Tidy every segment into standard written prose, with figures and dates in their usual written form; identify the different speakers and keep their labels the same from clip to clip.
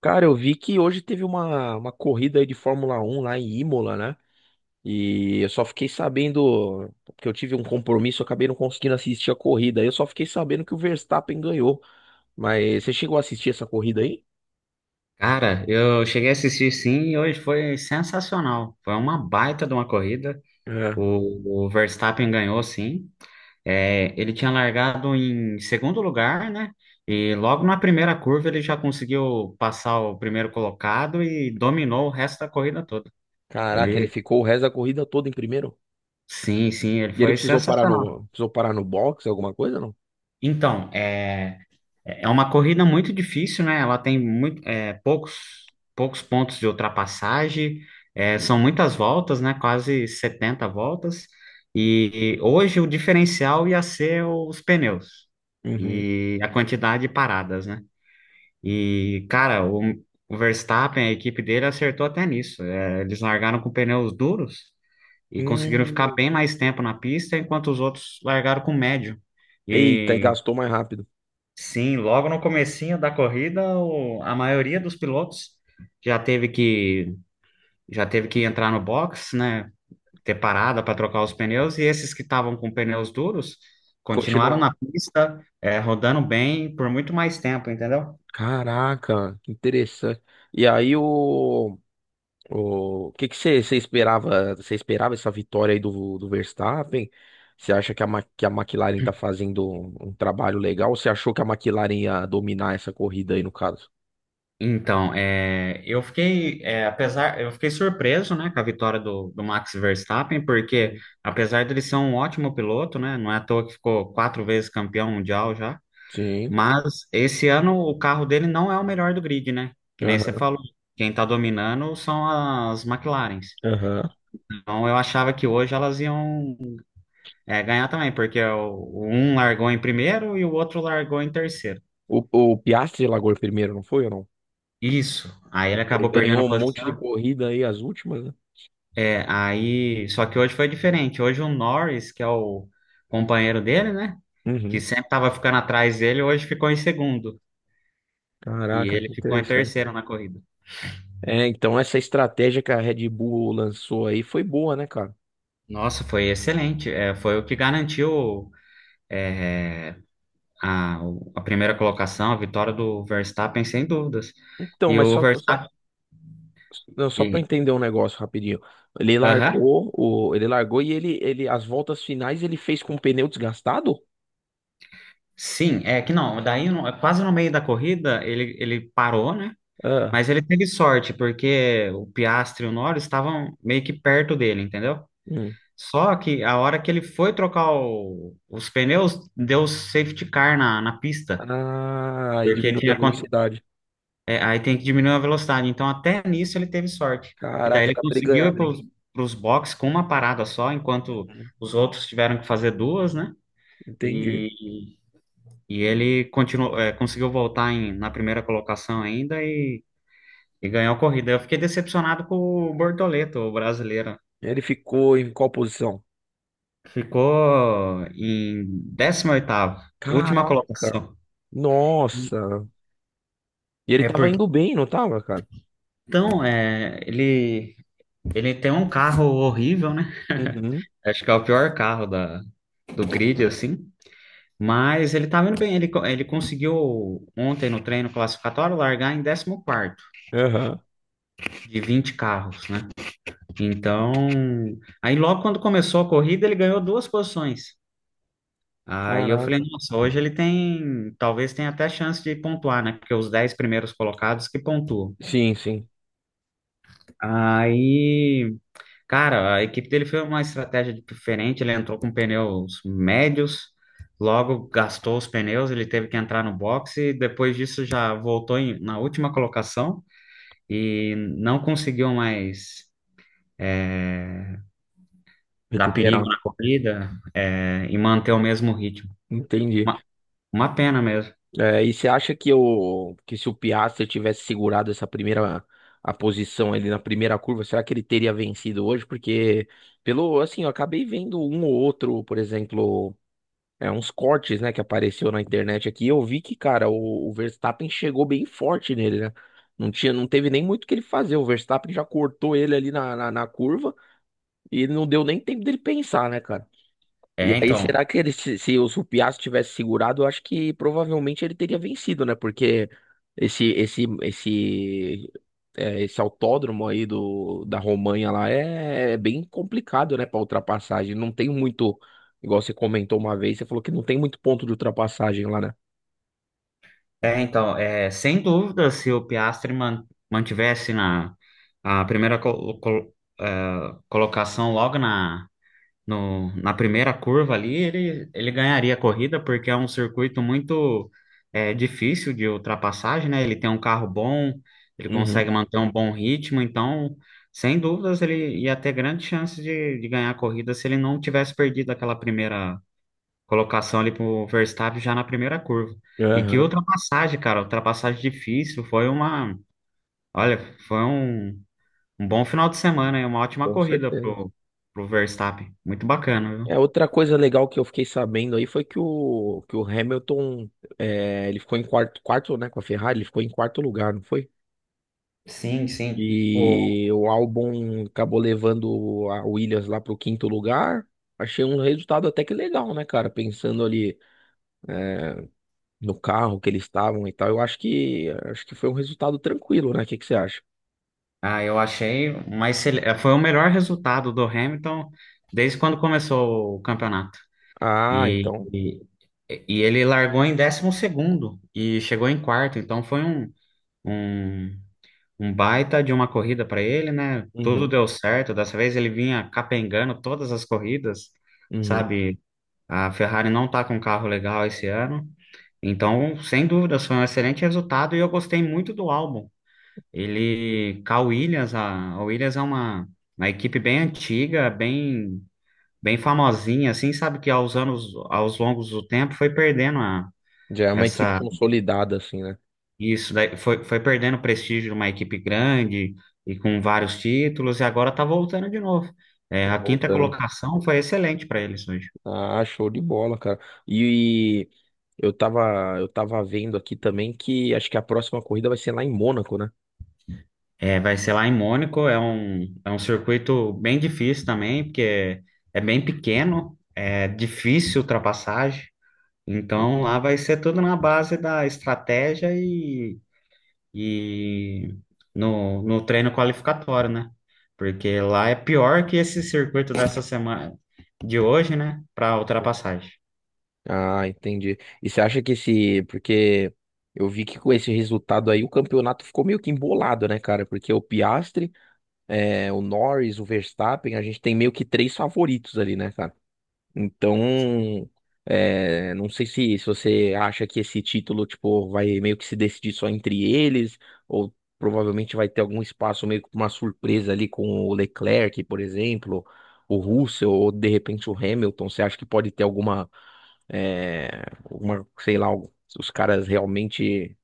Speaker 1: Cara, eu vi que hoje teve uma corrida aí de Fórmula 1 lá em Imola, né? E eu só fiquei sabendo, porque eu tive um compromisso, eu acabei não conseguindo assistir a corrida. Eu só fiquei sabendo que o Verstappen ganhou. Mas você chegou a assistir essa corrida aí?
Speaker 2: Cara, eu cheguei a assistir sim e hoje foi sensacional. Foi uma baita de uma corrida.
Speaker 1: É.
Speaker 2: O Verstappen ganhou, sim. É, ele tinha largado em segundo lugar, né? E logo na primeira curva ele já conseguiu passar o primeiro colocado e dominou o resto da corrida toda.
Speaker 1: Caraca, ele
Speaker 2: Ele,
Speaker 1: ficou o resto da corrida toda em primeiro.
Speaker 2: sim, sim, ele
Speaker 1: E ele
Speaker 2: foi
Speaker 1: precisou parar
Speaker 2: sensacional.
Speaker 1: no box, alguma coisa, não?
Speaker 2: Então, é. É uma corrida muito difícil, né? Ela tem muito, poucos pontos de ultrapassagem, são muitas voltas, né? Quase 70 voltas. E hoje o diferencial ia ser os pneus
Speaker 1: Uhum.
Speaker 2: e a quantidade de paradas, né? E, cara, o Verstappen, a equipe dele acertou até nisso. É, eles largaram com pneus duros e conseguiram ficar
Speaker 1: Hum.
Speaker 2: bem mais tempo na pista, enquanto os outros largaram com médio.
Speaker 1: Eita, e
Speaker 2: E
Speaker 1: gastou mais rápido.
Speaker 2: Sim, logo no comecinho da corrida, a maioria dos pilotos já teve que já teve que entrar no box, né? Ter parada para trocar os pneus, e esses que estavam com pneus duros continuaram
Speaker 1: Continua.
Speaker 2: na pista, rodando bem por muito mais tempo, entendeu?
Speaker 1: Caraca, que interessante. E aí o O que que você esperava? Você esperava essa vitória aí do Verstappen? Você acha que a McLaren tá fazendo um trabalho legal? Ou você achou que a McLaren ia dominar essa corrida aí, no caso?
Speaker 2: Então, eu fiquei, eu fiquei surpreso, né, com a vitória do Max Verstappen, porque
Speaker 1: Uhum.
Speaker 2: apesar dele ser um ótimo piloto, né, não é à toa que ficou quatro vezes campeão mundial já.
Speaker 1: Sim.
Speaker 2: Mas esse ano o carro dele não é o melhor do grid, né? Que nem você
Speaker 1: Aham.
Speaker 2: falou. Quem tá dominando são as McLarens.
Speaker 1: Aham.
Speaker 2: Então eu achava que hoje elas iam, ganhar também, porque um largou em primeiro e o outro largou em terceiro.
Speaker 1: O Piastri largou em primeiro, não foi ou não?
Speaker 2: Isso. Aí ele
Speaker 1: Ele
Speaker 2: acabou
Speaker 1: ganhou
Speaker 2: perdendo a
Speaker 1: um monte de
Speaker 2: posição.
Speaker 1: corrida aí, as últimas, né?
Speaker 2: É, aí. Só que hoje foi diferente. Hoje o Norris, que é o companheiro dele, né? Que
Speaker 1: Uhum.
Speaker 2: sempre tava ficando atrás dele, hoje ficou em segundo. E
Speaker 1: Caraca,
Speaker 2: ele
Speaker 1: que
Speaker 2: ficou em
Speaker 1: interessante.
Speaker 2: terceiro na corrida.
Speaker 1: É, então essa estratégia que a Red Bull lançou aí foi boa, né, cara?
Speaker 2: Nossa, foi excelente. É, foi o que garantiu. É, a, a primeira colocação, a vitória do Verstappen, sem dúvidas.
Speaker 1: Então,
Speaker 2: E
Speaker 1: mas
Speaker 2: o
Speaker 1: só.
Speaker 2: Verstappen.
Speaker 1: Não, só para
Speaker 2: e-
Speaker 1: entender um negócio rapidinho. Ele
Speaker 2: Aham.
Speaker 1: largou, o, ele largou e ele, as voltas finais ele fez com o pneu desgastado?
Speaker 2: Sim, é que não, daí quase no meio da corrida ele parou, né?
Speaker 1: Ah,
Speaker 2: Mas ele teve sorte, porque o Piastri e o Norris estavam meio que perto dele, entendeu?
Speaker 1: hum.
Speaker 2: Só que a hora que ele foi trocar os pneus, deu safety car na pista,
Speaker 1: Ah, e
Speaker 2: porque
Speaker 1: diminuiu
Speaker 2: tinha,
Speaker 1: a
Speaker 2: acon-
Speaker 1: velocidade.
Speaker 2: É, aí tem que diminuir a velocidade. Então, até nisso ele teve sorte. E daí
Speaker 1: Caraca,
Speaker 2: ele
Speaker 1: era pra ele
Speaker 2: conseguiu
Speaker 1: ganhar
Speaker 2: ir
Speaker 1: mesmo.
Speaker 2: para os boxes com uma parada só, enquanto
Speaker 1: Hum.
Speaker 2: os outros tiveram que fazer duas, né?
Speaker 1: Entendi.
Speaker 2: E, e ele continuou, conseguiu voltar na primeira colocação ainda e ganhou a corrida. Eu fiquei decepcionado com o Bortoleto, o brasileiro.
Speaker 1: Ele ficou em qual posição?
Speaker 2: Ficou em 18º, última
Speaker 1: Caraca,
Speaker 2: colocação. E
Speaker 1: nossa. E ele
Speaker 2: É
Speaker 1: tava
Speaker 2: porque,
Speaker 1: indo bem, não tava, cara?
Speaker 2: então, ele tem um carro horrível, né?
Speaker 1: Uhum.
Speaker 2: Acho que é o pior carro do grid, assim. Mas ele tá indo bem. Ele conseguiu ontem no treino classificatório largar em 14º
Speaker 1: Aham.
Speaker 2: de 20 carros, né? Então, aí logo quando começou a corrida, ele ganhou duas posições. Aí eu falei,
Speaker 1: Caraca.
Speaker 2: nossa, hoje ele tem, talvez tenha até chance de pontuar, né? Porque os 10 primeiros colocados que pontuam.
Speaker 1: Sim, sim.
Speaker 2: Aí Cara, a equipe dele foi uma estratégia diferente. Ele entrou com pneus médios, logo gastou os pneus, ele teve que entrar no boxe. Depois disso, já voltou na última colocação e não conseguiu mais dar perigo
Speaker 1: Recuperado.
Speaker 2: na corrida, e manter o mesmo ritmo.
Speaker 1: Entendi.
Speaker 2: Uma, uma pena mesmo.
Speaker 1: É, e você acha que se o Piastri tivesse segurado essa primeira a posição ali na primeira curva, será que ele teria vencido hoje? Porque, pelo assim, eu acabei vendo um ou outro, por exemplo, é, uns cortes, né, que apareceu na internet aqui, eu vi que, cara, o Verstappen chegou bem forte nele, né? Não tinha, não teve nem muito o que ele fazer. O Verstappen já cortou ele ali na, na, curva e não deu nem tempo dele pensar, né, cara? E
Speaker 2: É,
Speaker 1: aí,
Speaker 2: então.
Speaker 1: será que se o Supiato tivesse segurado, eu acho que provavelmente ele teria vencido, né? Porque esse esse esse esse autódromo aí do, da Romanha lá é bem complicado, né, para ultrapassagem. Não tem muito, igual você comentou uma vez, você falou que não tem muito ponto de ultrapassagem lá, né?
Speaker 2: É, sem dúvida, se o Piastri mantivesse na a primeira é, colocação logo na no, na primeira curva ali, ele ganharia a corrida, porque é um circuito muito, difícil de ultrapassagem, né? Ele tem um carro bom, ele
Speaker 1: Uhum.
Speaker 2: consegue manter um bom ritmo, então, sem dúvidas, ele ia ter grande chance de ganhar a corrida se ele não tivesse perdido aquela primeira colocação ali para o Verstappen já na primeira curva. E que
Speaker 1: Aham,
Speaker 2: ultrapassagem, cara, ultrapassagem difícil, olha, foi um bom final de semana, e uma ótima
Speaker 1: com
Speaker 2: corrida
Speaker 1: certeza.
Speaker 2: pro Verstappen, muito bacana,
Speaker 1: É,
Speaker 2: viu?
Speaker 1: outra coisa legal que eu fiquei sabendo aí foi que que o Hamilton, ele ficou em quarto, quarto, né, com a Ferrari, ele ficou em quarto lugar, não foi?
Speaker 2: Sim, sim. O,
Speaker 1: E o álbum acabou levando a Williams lá pro quinto lugar. Achei um resultado até que legal, né, cara? Pensando ali no carro que eles estavam e tal, eu acho que foi um resultado tranquilo, né? O que que você acha?
Speaker 2: ah, eu achei, mas foi o melhor resultado do Hamilton desde quando começou o campeonato.
Speaker 1: Ah,
Speaker 2: E,
Speaker 1: então.
Speaker 2: e, e ele largou em 12º e chegou em quarto, então foi um, um baita de uma corrida para ele, né? Tudo
Speaker 1: Uhum,
Speaker 2: deu certo. Dessa vez ele vinha capengando todas as corridas,
Speaker 1: uhum.
Speaker 2: sabe? A Ferrari não tá com um carro legal esse ano. Então, sem dúvidas, foi um excelente resultado e eu gostei muito do álbum. Cal Williams, a Williams é uma equipe bem antiga, bem famosinha, assim, sabe que aos anos, aos longos do tempo, foi perdendo
Speaker 1: Já é uma equipe
Speaker 2: essa,
Speaker 1: consolidada, assim, né?
Speaker 2: isso daí, foi perdendo o prestígio de uma equipe grande e com vários títulos, e agora tá voltando de novo. É,
Speaker 1: Tá
Speaker 2: a quinta
Speaker 1: voltando.
Speaker 2: colocação foi excelente para eles hoje.
Speaker 1: Ah, show de bola, cara. E, eu tava vendo aqui também que acho que a próxima corrida vai ser lá em Mônaco, né?
Speaker 2: É, vai ser lá em Mônaco, é um circuito bem difícil também, porque é bem pequeno, é difícil ultrapassagem. Então, lá vai ser tudo na base da estratégia e no treino qualificatório, né? Porque lá é pior que esse circuito dessa semana, de hoje, né? Para ultrapassagem.
Speaker 1: Ah, entendi. E você acha que esse. Porque eu vi que com esse resultado aí o campeonato ficou meio que embolado, né, cara? Porque o Piastri, é, o Norris, o Verstappen, a gente tem meio que três favoritos ali, né, cara? Então, não sei se você acha que esse título, tipo, vai meio que se decidir só entre eles, ou provavelmente vai ter algum espaço meio que pra uma surpresa ali com o Leclerc, por exemplo, o Russell, ou de repente o Hamilton. Você acha que pode ter alguma, é, sei lá, se os caras realmente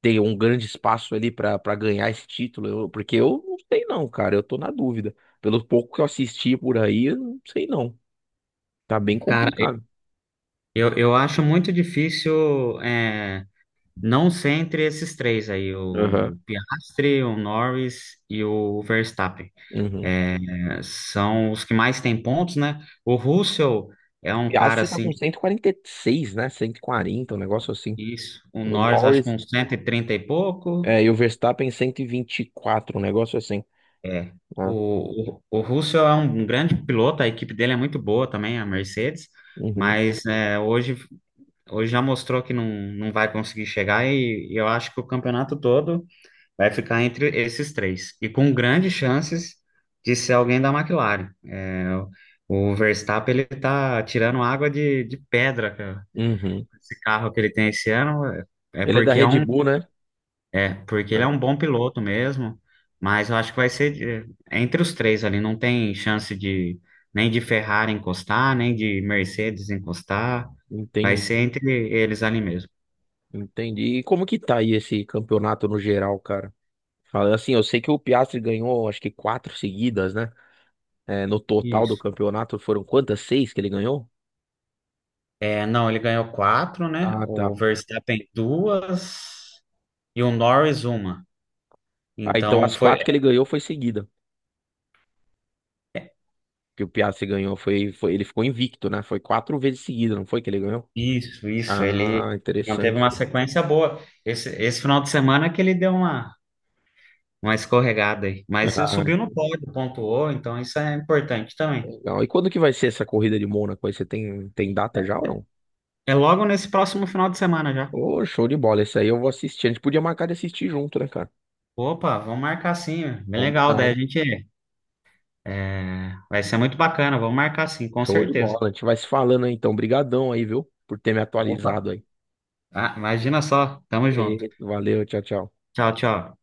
Speaker 1: têm um grande espaço ali pra para ganhar esse título? Porque eu não sei não, cara, eu tô na dúvida. Pelo pouco que eu assisti por aí, eu não sei não. Tá bem
Speaker 2: Cara,
Speaker 1: complicado.
Speaker 2: eu acho muito difícil, não ser entre esses três aí,
Speaker 1: Aham.
Speaker 2: o Piastri, o Norris e o Verstappen.
Speaker 1: Uhum.
Speaker 2: É, são os que mais têm pontos, né? O Russell é um
Speaker 1: E a
Speaker 2: cara
Speaker 1: Aston tá
Speaker 2: assim.
Speaker 1: com 146, né? 140, um negócio assim.
Speaker 2: Isso. O
Speaker 1: O
Speaker 2: Norris, acho que
Speaker 1: Norris,
Speaker 2: uns 130 e pouco.
Speaker 1: e o Verstappen 124, um negócio assim.
Speaker 2: É.
Speaker 1: Ah.
Speaker 2: O Russell é um grande piloto, a equipe dele é muito boa também, a Mercedes,
Speaker 1: Uhum.
Speaker 2: mas hoje já mostrou que não vai conseguir chegar, e eu acho que o campeonato todo vai ficar entre esses três. E com grandes chances de ser alguém da McLaren. É, o Verstappen, ele tá tirando água de pedra, cara.
Speaker 1: Uhum.
Speaker 2: Esse carro que ele tem esse ano é,
Speaker 1: Ele é da
Speaker 2: porque é
Speaker 1: Red
Speaker 2: um.
Speaker 1: Bull, né?
Speaker 2: É, porque ele é
Speaker 1: Ah,
Speaker 2: um bom piloto mesmo, mas eu acho que vai ser entre os três ali, não tem chance de nem de Ferrari encostar, nem de Mercedes encostar, vai
Speaker 1: entendi,
Speaker 2: ser entre eles ali mesmo.
Speaker 1: entendi. E como que tá aí esse campeonato no geral, cara? Fala assim, eu sei que o Piastri ganhou, acho que quatro seguidas, né? É, no total do
Speaker 2: Isso.
Speaker 1: campeonato foram quantas? Seis que ele ganhou?
Speaker 2: É, não, ele ganhou quatro, né?
Speaker 1: Ah,
Speaker 2: O
Speaker 1: tá.
Speaker 2: Verstappen duas e o Norris uma.
Speaker 1: Ah, então
Speaker 2: Então
Speaker 1: as
Speaker 2: foi
Speaker 1: quatro que ele ganhou foi seguida. Que o Piastri ganhou foi ele ficou invicto, né? Foi quatro vezes seguida, não foi que ele ganhou?
Speaker 2: isso, isso. Ele
Speaker 1: Ah,
Speaker 2: manteve
Speaker 1: interessante.
Speaker 2: uma sequência boa. Esse final de semana que ele deu uma escorregada aí. Mas ele
Speaker 1: Ah,
Speaker 2: subiu no pódio, pontuou, então isso é importante também.
Speaker 1: legal. E quando que vai ser essa corrida de Mônaco aí? Você tem data já ou não?
Speaker 2: É logo nesse próximo final de semana já.
Speaker 1: Ô, show de bola. Esse aí eu vou assistir. A gente podia marcar de assistir junto, né, cara?
Speaker 2: Opa, vamos marcar sim. Bem legal, daí a
Speaker 1: Combinado.
Speaker 2: gente. Vai ser muito bacana, vamos marcar sim, com
Speaker 1: Show de
Speaker 2: certeza.
Speaker 1: bola. A gente vai se falando aí, então. Brigadão aí, viu? Por ter me
Speaker 2: Opa,
Speaker 1: atualizado aí.
Speaker 2: ah, imagina só. Tamo junto.
Speaker 1: Valeu, tchau, tchau.
Speaker 2: Tchau, tchau.